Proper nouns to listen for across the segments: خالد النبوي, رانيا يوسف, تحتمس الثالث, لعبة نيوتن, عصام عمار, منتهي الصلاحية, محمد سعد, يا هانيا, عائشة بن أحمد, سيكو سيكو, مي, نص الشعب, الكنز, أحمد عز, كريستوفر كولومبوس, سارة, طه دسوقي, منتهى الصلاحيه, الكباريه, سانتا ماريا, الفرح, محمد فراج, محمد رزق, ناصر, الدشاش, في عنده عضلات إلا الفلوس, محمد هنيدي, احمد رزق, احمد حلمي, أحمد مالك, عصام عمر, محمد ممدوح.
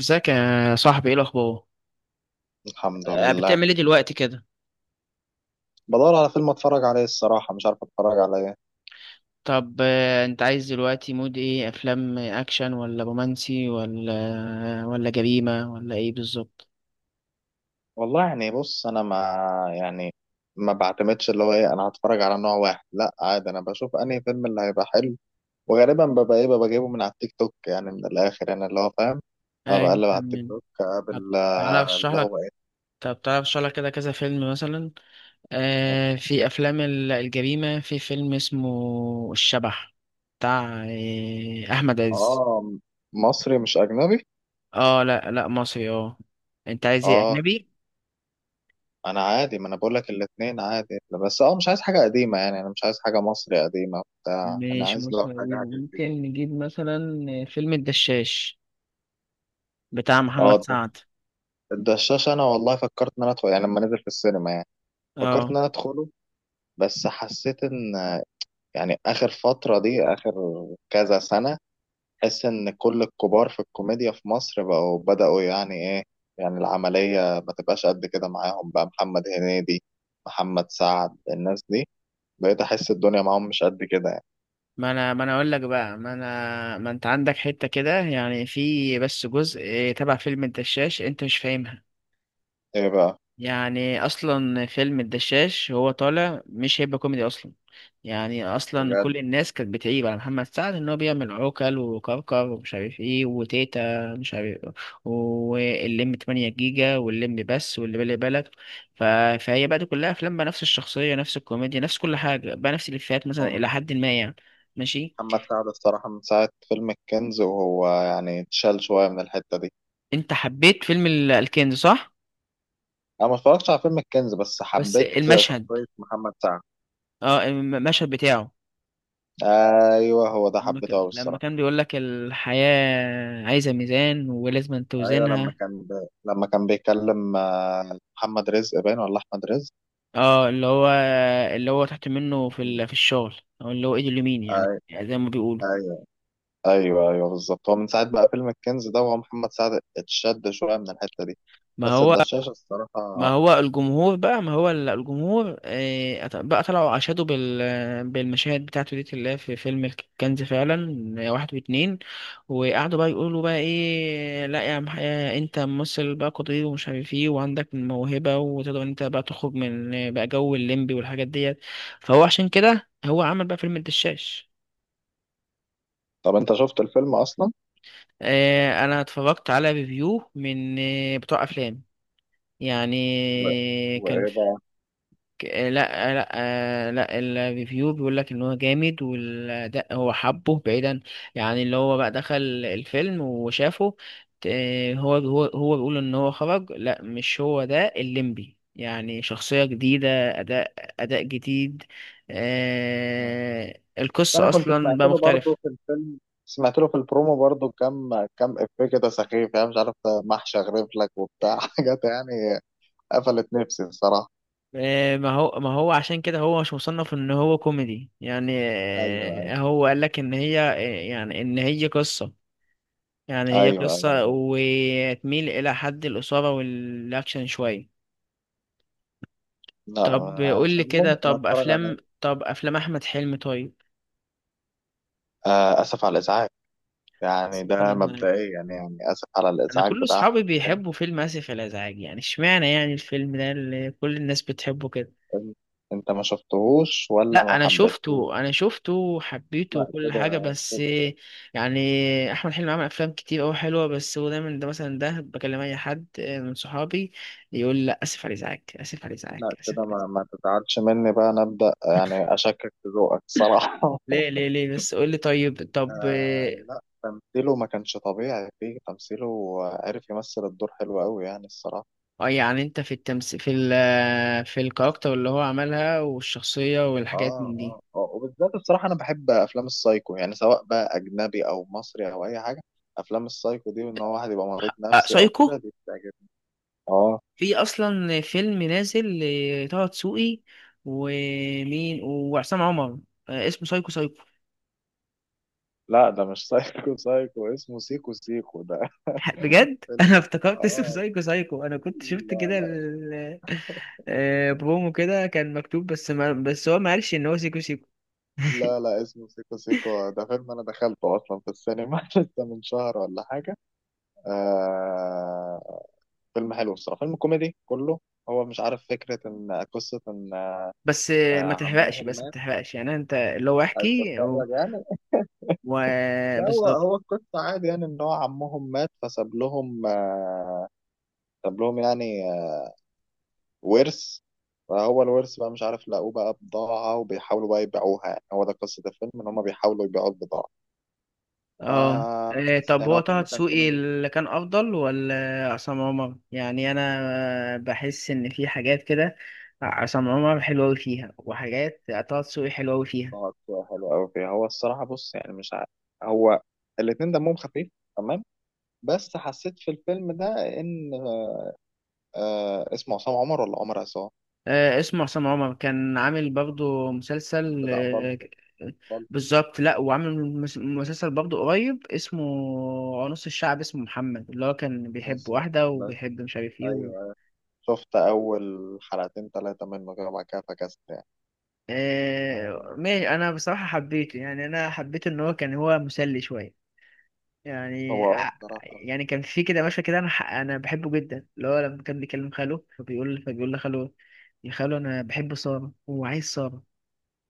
ازيك يا صاحبي، ايه الاخبار؟ الحمد لله. بتعمل ايه دلوقتي كده؟ بدور على فيلم اتفرج عليه، الصراحة مش عارف اتفرج على ايه. طب انت عايز دلوقتي مود ايه، افلام اكشن ولا رومانسي ولا جريمه ولا ايه بالظبط؟ والله، يعني بص انا ما، يعني ما بعتمدش اللي هو ايه. انا هتفرج على نوع واحد؟ لا، عادي، انا بشوف انهي فيلم اللي هيبقى حلو. وغالبا ببقى جايبه من على التيك توك، يعني من الاخر، يعني اللي هو فاهم. أنا ايوه، بقلب على التيك فاهمين. توك طب اقابل تعالى اشرح اللي لك. هو ايه. كده كذا فيلم مثلا. آه، في افلام الجريمه، في فيلم اسمه الشبح، بتاع احمد عز. اه، مصري مش اجنبي. اه، لا لا، مصري، اه. انت عايز ايه، اه، اجنبي؟ انا عادي، ما انا بقول لك الاثنين عادي. بس مش عايز حاجة قديمة، يعني انا مش عايز حاجة مصري قديمة بتاع، انا مش عايز لو مسلسل حاجة قديم، حاجة جديدة. ممكن نجيب مثلا فيلم الدشاش بتاع محمد اه، سعد. الدشاش انا والله فكرت ان انا ادخل يعني لما نزل في السينما يعني، فكرت اه، ان انا ادخله، بس حسيت ان، يعني اخر فترة دي، اخر كذا سنة، حس ان كل الكبار في الكوميديا في مصر بقوا بدأوا يعني ايه، يعني العملية ما تبقاش قد كده معاهم. بقى محمد هنيدي محمد سعد الناس دي، بقيت احس الدنيا معاهم مش قد كده يعني. ما انا اقول لك بقى، ما انا ما انت عندك حتة كده يعني، في بس جزء تبع فيلم الدشاش انت مش فاهمها. ايه بقى؟ يعني اصلا فيلم الدشاش هو طالع مش هيبقى كوميدي اصلا. يعني اصلا بجد. كل الناس كانت بتعيب على محمد سعد ان هو بيعمل عوكل وكركر ومش عارف ايه، وتيتا مش عارف، واللم 8 جيجا، واللم بس، واللي بالي بالك. ف... فهي بقى دي كلها افلام بقى، نفس الشخصيه، نفس الكوميديا، نفس كل حاجه بقى، نفس الافيهات مثلا هم. الى حد ما يعني. ماشي. محمد سعد الصراحة من ساعة فيلم الكنز وهو يعني اتشال شوية من الحتة دي. انت حبيت فيلم الكنز، صح؟ انا ما اتفرجتش على فيلم الكنز، بس بس حبيت المشهد، شخصية محمد سعد. اه المشهد بتاعه ايوه، هو ده لما حبيته قوي لما الصراحة. كان بيقول لك: الحياة عايزة ميزان ولازم ايوه، توزنها. لما كان بيكلم محمد رزق باين ولا احمد رزق. اه، اللي هو اللي هو تحت منه في الشغل، او اللي هو ايده اليمين يعني، أي- يعني زي ما بيقولوا. ايوه، ايوه، ايوه، بالظبط. هو من ساعة بقى فيلم الكنز ده وهو محمد سعد اتشد شوية من الحتة دي، ما بس هو الدشاشة ما الصراحة. هو الجمهور بقى، ما هو ال- الجمهور بقى طلعوا، عشادوا بال بالمشاهد بتاعته دي اللي هي في فيلم الكنز فعلا، واحد واتنين، وقعدوا بقى يقولوا بقى ايه: لا يا عم، انت ممثل بقى قدير ومش عارف ايه، وعندك موهبة، وتقدر انت بقى تخرج من بقى جو الليمبي والحاجات ديت. فهو عشان كده هو عمل بقى فيلم الدشاش. طب انت شفت الفيلم اصلا؟ انا اتفرجت على ريفيو من بتوع افلام، يعني و... كان وايه بقى؟ ك- آه، لا آه، لا لا الريفيو بيقول لك ان هو جامد، والاداء هو حبه بعيدا. يعني اللي هو بقى دخل الفيلم وشافه، هو بيقول ان هو خرج: لا مش هو ده الليمبي، يعني شخصية جديدة، اداء، اداء جديد. القصة انا كنت اصلا سمعت بقى له مختلفة. برضه في الفيلم، سمعت له في البرومو برضه كام كام افيه كده سخيف، يعني مش عارف، ده محشي اغرف لك وبتاع حاجات يعني. قفلت نفسي الصراحه. ما هو عشان كده هو مش مصنف ان هو كوميدي يعني. ايوه، هو قال لك ان هي يعني ان هي قصة، يعني هي ايوه، قصة ايوه، وتميل إلى حد الإثارة والأكشن شوية. لا، طب قول مش لي كده، ممكن اتفرج عليه. طب أفلام أحمد حلمي طيب. آه، اسف على الازعاج، يعني آسف على ده الإزعاج. مبدئيا، يعني اسف على أنا الازعاج كل بتاع أصحابي احمد حلمي. بيحبوا فيلم آسف على الإزعاج، يعني إشمعنى يعني الفيلم ده اللي كل الناس بتحبه كده؟ فيلم، انت ما شفتهوش ولا لا ما أنا حبيتهوش؟ شفته، أنا شفته حبيته لا، وكل حاجة، بس كده- يعني أحمد حلمي عمل أفلام كتير أوي حلوة، بس هو دايما ده، مثلا ده بكلم أي حد من صحابي يقول: لا آسف على الإزعاج، آسف على الإزعاج، لا آسف كده، على ما, الإزعاج. ما تزعلش مني بقى، انا ابدا يعني اشكك في ذوقك الصراحه. ليه ليه ليه؟ بس قول لي طيب. طب آه لا، تمثيله ما كانش طبيعي فيه، تمثيله عارف يمثل الدور حلو قوي يعني الصراحة. يعني انت في التمس في ال آه، في الكاركتر اللي هو عملها والشخصية اه، والحاجات من دي. اه، اه، وبالذات الصراحة أنا بحب أفلام السايكو، يعني سواء بقى أجنبي أو مصري أو أي حاجة. أفلام السايكو دي، وإن هو واحد يبقى مريض نفسي أو سايكو. كده، دي بتعجبني. اه، في اصلا فيلم نازل لطه دسوقي ومين وعصام عمر، اسمه سايكو سايكو. لا ده مش سايكو سايكو، اسمه سيكو سيكو ده بجد انا فيلم. افتكرت اسمه اه، سايكو سايكو، انا كنت شفت لا، كده لا، برومو كده كان مكتوب، بس ما بس هو ما قالش ان هو سيكو سيكو. لا، لا، اسمه سيكو سيكو، ده فيلم أنا دخلته أصلا في السينما لسه من شهر ولا حاجة. آه، فيلم حلو الصراحة، فيلم كوميدي كله. هو مش عارف، فكرة إن قصة إن بس ما تحرقش، عمهم بس ما مات. تحرقش يعني، انت اللي هو عايز احكي تتفرج يعني؟ لا، هو وبالظبط. هو القصة عادي، يعني إن هو عمهم مات فساب لهم ساب لهم يعني ورث، فهو الورث بقى مش عارف لاقوه بقى بضاعة وبيحاولوا بقى يبيعوها، يعني هو ده قصة الفيلم، إن هما بيحاولوا يبيعوا البضاعة. اه، آه، بس طب يعني هو هو طه فيلم كان دسوقي كوميدي. اللي كان افضل ولا عصام عمر؟ يعني انا بحس ان في حاجات كده عصام عمر حلو أوي فيها، وحاجات طه دسوقي حلو أوي فيها. آه، حلو أوي فيه، هو الصراحة بص يعني مش عارف. هو الاتنين دمهم خفيف، تمام، بس حسيت في الفيلم ده ان اسمه عصام عمر ولا عمر عصام. اسمه عصام عمر كان عامل برضه مسلسل بتاع بالطو. بالطو بالظبط، لا وعامل مسلسل برضه قريب، اسمه نص الشعب، اسمه محمد اللي هو كان بيحب ناصر. واحدة بس، وبيحب مش عارف ايه. ايوه، أيوه. شفت اول حلقتين ثلاثه منه كده وبعد كده فكست يعني. آه ماشي، انا بصراحة حبيته يعني، انا حبيت ان هو كان هو مسلي شوية. يعني هو الصراحه، يعني كان في كده مشهد كده انا انا بحبه جدا، اللي هو لما كان بيكلم خاله فبيقول لخاله: يا خاله انا بحب سارة وعايز سارة،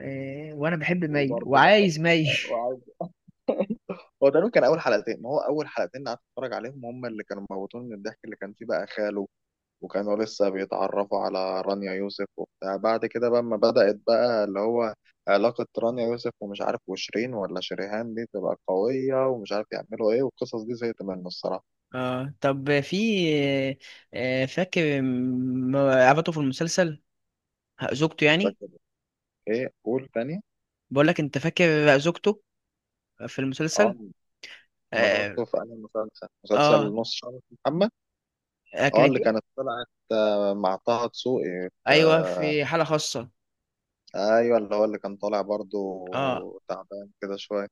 وانا بحب مي وبرضه بحب وعايز مي. وعايز. هو تقريبا كان اول حلقتين، هو اول حلقتين قعدت اتفرج عليهم هم اللي كانوا موتوني من الضحك، اللي كان فيه بقى خاله، وكانوا لسه بيتعرفوا على رانيا يوسف وبتاع. بعد كده بقى ما بدأت بقى اللي هو علاقة رانيا يوسف ومش عارف وشيرين ولا شريهان، دي تبقى قوية ومش عارف يعملوا ايه، والقصص دي زهقت منه الصراحة. اه طب في، فاكر عبته في المسلسل زوجته يعني؟ فاكر؟ ايه؟ قول تاني. بقول لك، انت فاكر زوجته في اه، المسلسل؟ اه. مرته في انهي مسلسل آه، نص شعر محمد. آه، اه، كانت، اللي كانت طلعت مع طه دسوقي ايوه في حاله خاصه. ايوه، اللي هو اللي كان طالع برضو اه تعبان كده شويه.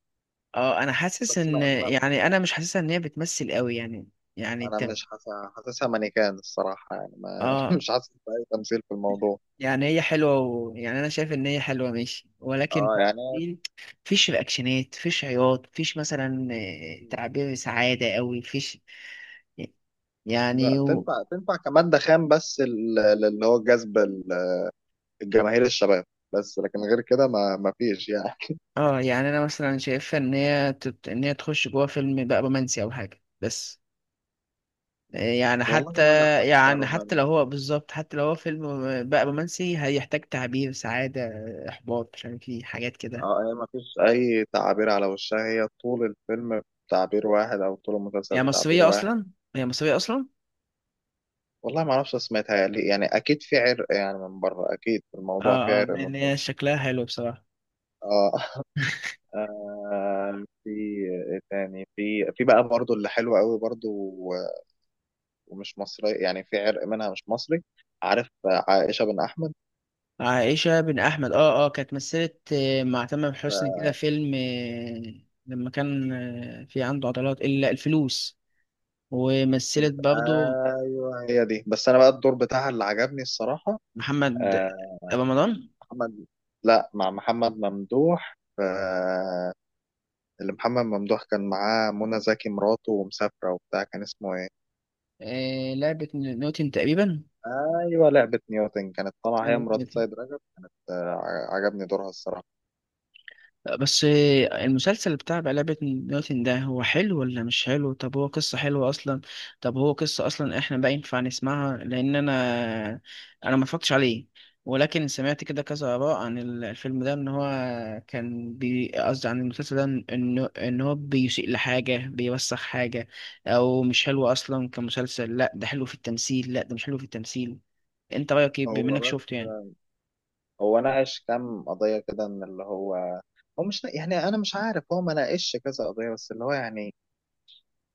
اه، انا حاسس بس ان، ما، يعني انا مش حاسسها ان هي بتمثل قوي يعني، يعني انا انت، مش حاسس، حاسسها مانيكان الصراحه، يعني ما اه. مش حاسس باي تمثيل في الموضوع. يعني هي حلوه، يعني انا شايف ان هي حلوه ماشي، ولكن اه، يعني في- فيش رياكشنات، فيش عياط، فيش مثلا تعبير سعاده قوي، فيش يعني لا، تنفع تنفع كمادة خام، بس اللي هو جذب الجماهير الشباب، بس لكن غير كده ما فيش يعني. اه. يعني انا مثلا شايفها ان هي ان هي تخش جوه فيلم بقى رومانسي او حاجه بس، يعني حتى، والله، ولا حتى يعني حتى لو رومانسي. هو بالظبط، حتى لو هو فيلم بقى رومانسي هيحتاج تعبير سعادة، إحباط، مش عارف ايه، حاجات كده. اه، هي مفيش اي تعابير على وشها، هي طول الفيلم بتعبير واحد او طول المسلسل هي بتعبير مصرية واحد. أصلا هي مصرية أصلا؟ والله ما اعرفش سمعتها ليه، يعني اكيد في عرق يعني من بره، اكيد في الموضوع في اه اه، عرق من لأن هي بره. شكلها حلو بصراحة. اه. في إيه تاني؟ في في بقى برضو اللي حلوة قوي برضو ومش مصري، يعني في عرق منها مش مصري. عارف عائشة بن احمد؟ عائشة بن أحمد، اه اه، كانت مثلت مع تامر حسني كده آه، فيلم لما كان في عنده عضلات إلا الفلوس، ومثلت برضه ايوه، هي دي، بس انا بقى الدور بتاعها اللي عجبني الصراحة. محمد آه، رمضان. محمد لا، مع محمد ممدوح اللي محمد ممدوح كان معاه منى زكي مراته ومسافرة وبتاع، كان اسمه ايه؟ لعبة نيوتن، ايوه، لعبة نيوتن، كانت طالعة هي تقريبا. مرات سيد رجب. عجبني دورها الصراحة. بس المسلسل بتاع لعبة نيوتن ده هو حلو ولا مش حلو؟ طب هو قصة حلوة أصلا؟ طب هو قصة أصلا إحنا بقى ينفع نسمعها؟ لأن أنا، أنا ما اتفرجتش عليه، ولكن سمعت كده كذا آراء عن الفيلم ده إن هو كان، بي قصدي عن المسلسل ده، إن هو بيسيء لحاجة، بيوسخ حاجة، أو مش حلو أصلا كمسلسل، لأ ده حلو في التمثيل، لأ ده مش حلو في التمثيل. أنت رأيك إيه بما هو إنك بس شفته يعني؟ هو ناقش كام قضية كده ان اللي هو، هو مش نا- يعني انا مش عارف، هو ما ناقشش كذا قضية، بس اللي هو يعني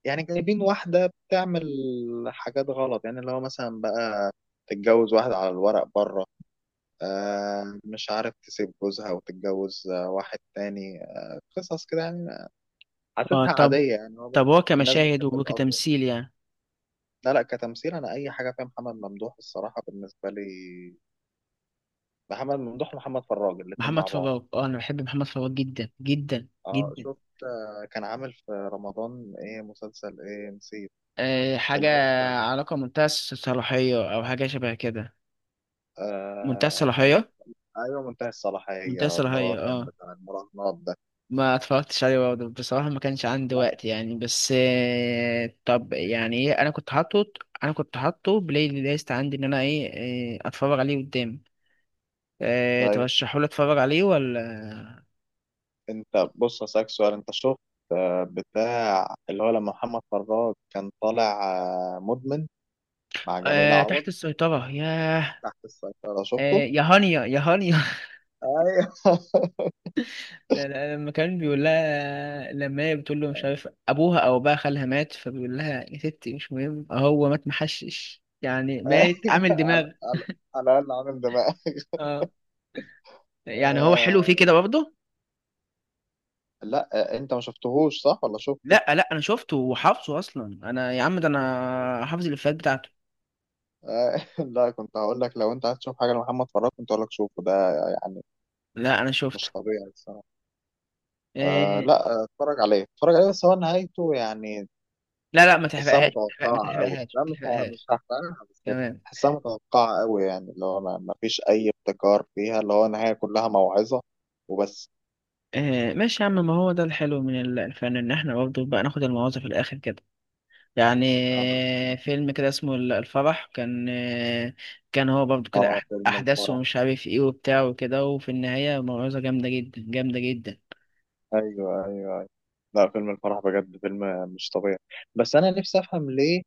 يعني جايبين واحدة بتعمل حاجات غلط، يعني اللي هو مثلا بقى تتجوز واحد على الورق بره، مش عارف تسيب جوزها وتتجوز واحد تاني، قصص كده يعني. آه حاسسها طب، عادية يعني، هو بس طب هو الناس كمشاهد بتحب تأفور. وكتمثيل يعني. لا، لا، كتمثيل أنا أي حاجة فيها محمد ممدوح الصراحة، بالنسبة لي محمد ممدوح ومحمد فراج الاتنين مع محمد بعض. فراج، اه انا بحب محمد فراج جدا جدا اه جدا. شفت، كان عامل في رمضان ايه مسلسل؟ ايه نسيت أه حاجه، اللي هو. علاقه، منتهى الصلاحيه او حاجه شبه كده. منتهى آه، أيوة، الصلاحيه، أيوة، منتهي الصلاحية، منتهى اللي هو الصلاحيه، كان اه بتاع المراهنات ده. ما اتفرجتش عليه برضه بصراحه، ما كانش عندي لا، وقت يعني، بس أه طب يعني ايه، انا كنت حاطه، انا كنت حاطه بلاي ليست عندي ان انا ايه اتفرج عليه قدام. أه آه، ترشحوا لي اتفرج عليه ولا؟ انت بص هسألك سؤال، انت شفت بتاع اللي هو لما محمد فراج كان طالع مدمن مع جميل أه عوض؟ تحت السيطره، ياه. تحت السيطرة شفته؟ يا هانيا يا هانيا، ايوه. ده ده لما كان بيقول لها، لما هي بتقول له مش عارف ابوها او بقى خالها مات، فبيقول لها: يا ستي مش مهم، هو مات محشش، يعني أيوه. مات عامل على، دماغ. على الأقل عامل دماغ. اه، يعني هو حلو فيه آه، كده برضه. لا، انت ما شفتهوش صح ولا شفته؟ لا لا انا شفته وحافظه، اصلا انا يا عم، ده آه، انا حافظ الافيهات بتاعته. لا، كنت هقول لك لو انت عايز تشوف حاجة لمحمد فراج كنت هقول لك شوفه ده، يعني لا انا مش شفته. طبيعي الصراحة. آه إيه... لا، اتفرج عليه، اتفرج عليه، بس هو نهايته يعني، لا لا، ما تحسها تحرقهاش، ما متوقعة أوي. تحرقهاش، لا، ما مش تحرقهاش. هحرقها، بس تمام. تحسها متوقعة أوي، يعني اللي هو ما فيش أي ابتكار فيها، اللي هو النهاية كلها موعظة وبس. إيه... ماشي يا عم، ما هو ده الحلو من الفن ان احنا برضه بقى ناخد المواضيع في الاخر كده يعني. أنا أصلا، فيلم كده اسمه الفرح، كان كان هو برضو كده آه، فيلم أحداث الفرح، ومش عارف إيه وبتاع وكده، وفي النهاية موعظة جامدة جدا، جامدة جدا. أيوه، أيوه، أيوه، لا فيلم الفرح بجد فيلم مش طبيعي. بس أنا نفسي أفهم ليه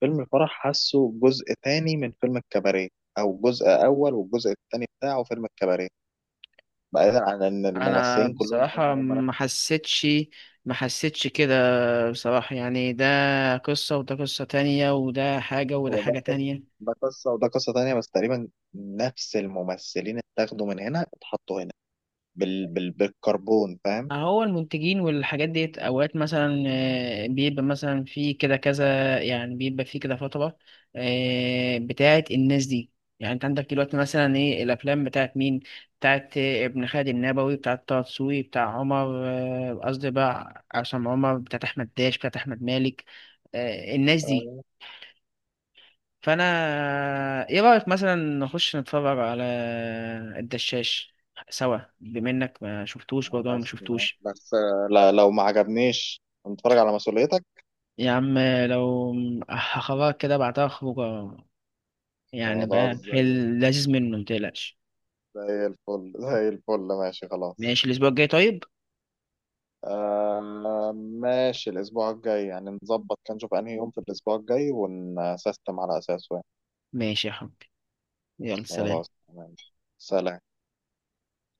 فيلم الفرح حاسه جزء تاني من فيلم الكباريه، أو جزء أول والجزء التاني بتاعه فيلم الكباريه، بعيدا عن إن أنا الممثلين كلهم هم بصراحة هم. ما حسيتش، ما حسيتش كده بصراحة، يعني ده قصة، وده قصة تانية، وده حاجة، وده هو ده حاجة قصة، تانية. ده قصة وده قصة تانية، بس تقريبا نفس الممثلين اتاخدوا من هنا اتحطوا هنا بالكربون، فاهم. هو المنتجين والحاجات ديت اوقات مثلا، بيبقى مثلا في كده كذا، يعني بيبقى في كده فترة بتاعت الناس دي. يعني انت عندك دلوقتي مثلا ايه، الافلام بتاعت مين؟ بتاعت ابن خالد النبوي، بتاعت طه دسوقي، بتاع عمر، قصدي بقى عصام عمر، بتاعت احمد داش، بتاعت احمد مالك، الناس دي. آه، فانا، ايه رأيك مثلا نخش نتفرج على الدشاش سوا، بما انك ما شفتوش، برضه انا ما خلاص تمام. شفتوش. بس لا، لو ما عجبنيش نتفرج على مسؤوليتك. يا عم لو، هخرجك كده بعتها خروجة، يعني خلاص، بقى في زي اللذيذ منه متقلقش. زي الفل زي الفل، ماشي خلاص. ماشي الأسبوع الجاي طيب. آه، ماشي الأسبوع الجاي، يعني نظبط كده، نشوف أنهي يوم في الأسبوع الجاي ونسيستم على أساسه يعني. ماشي يا حبيبي، يلا سلام. خلاص تمام. سلام.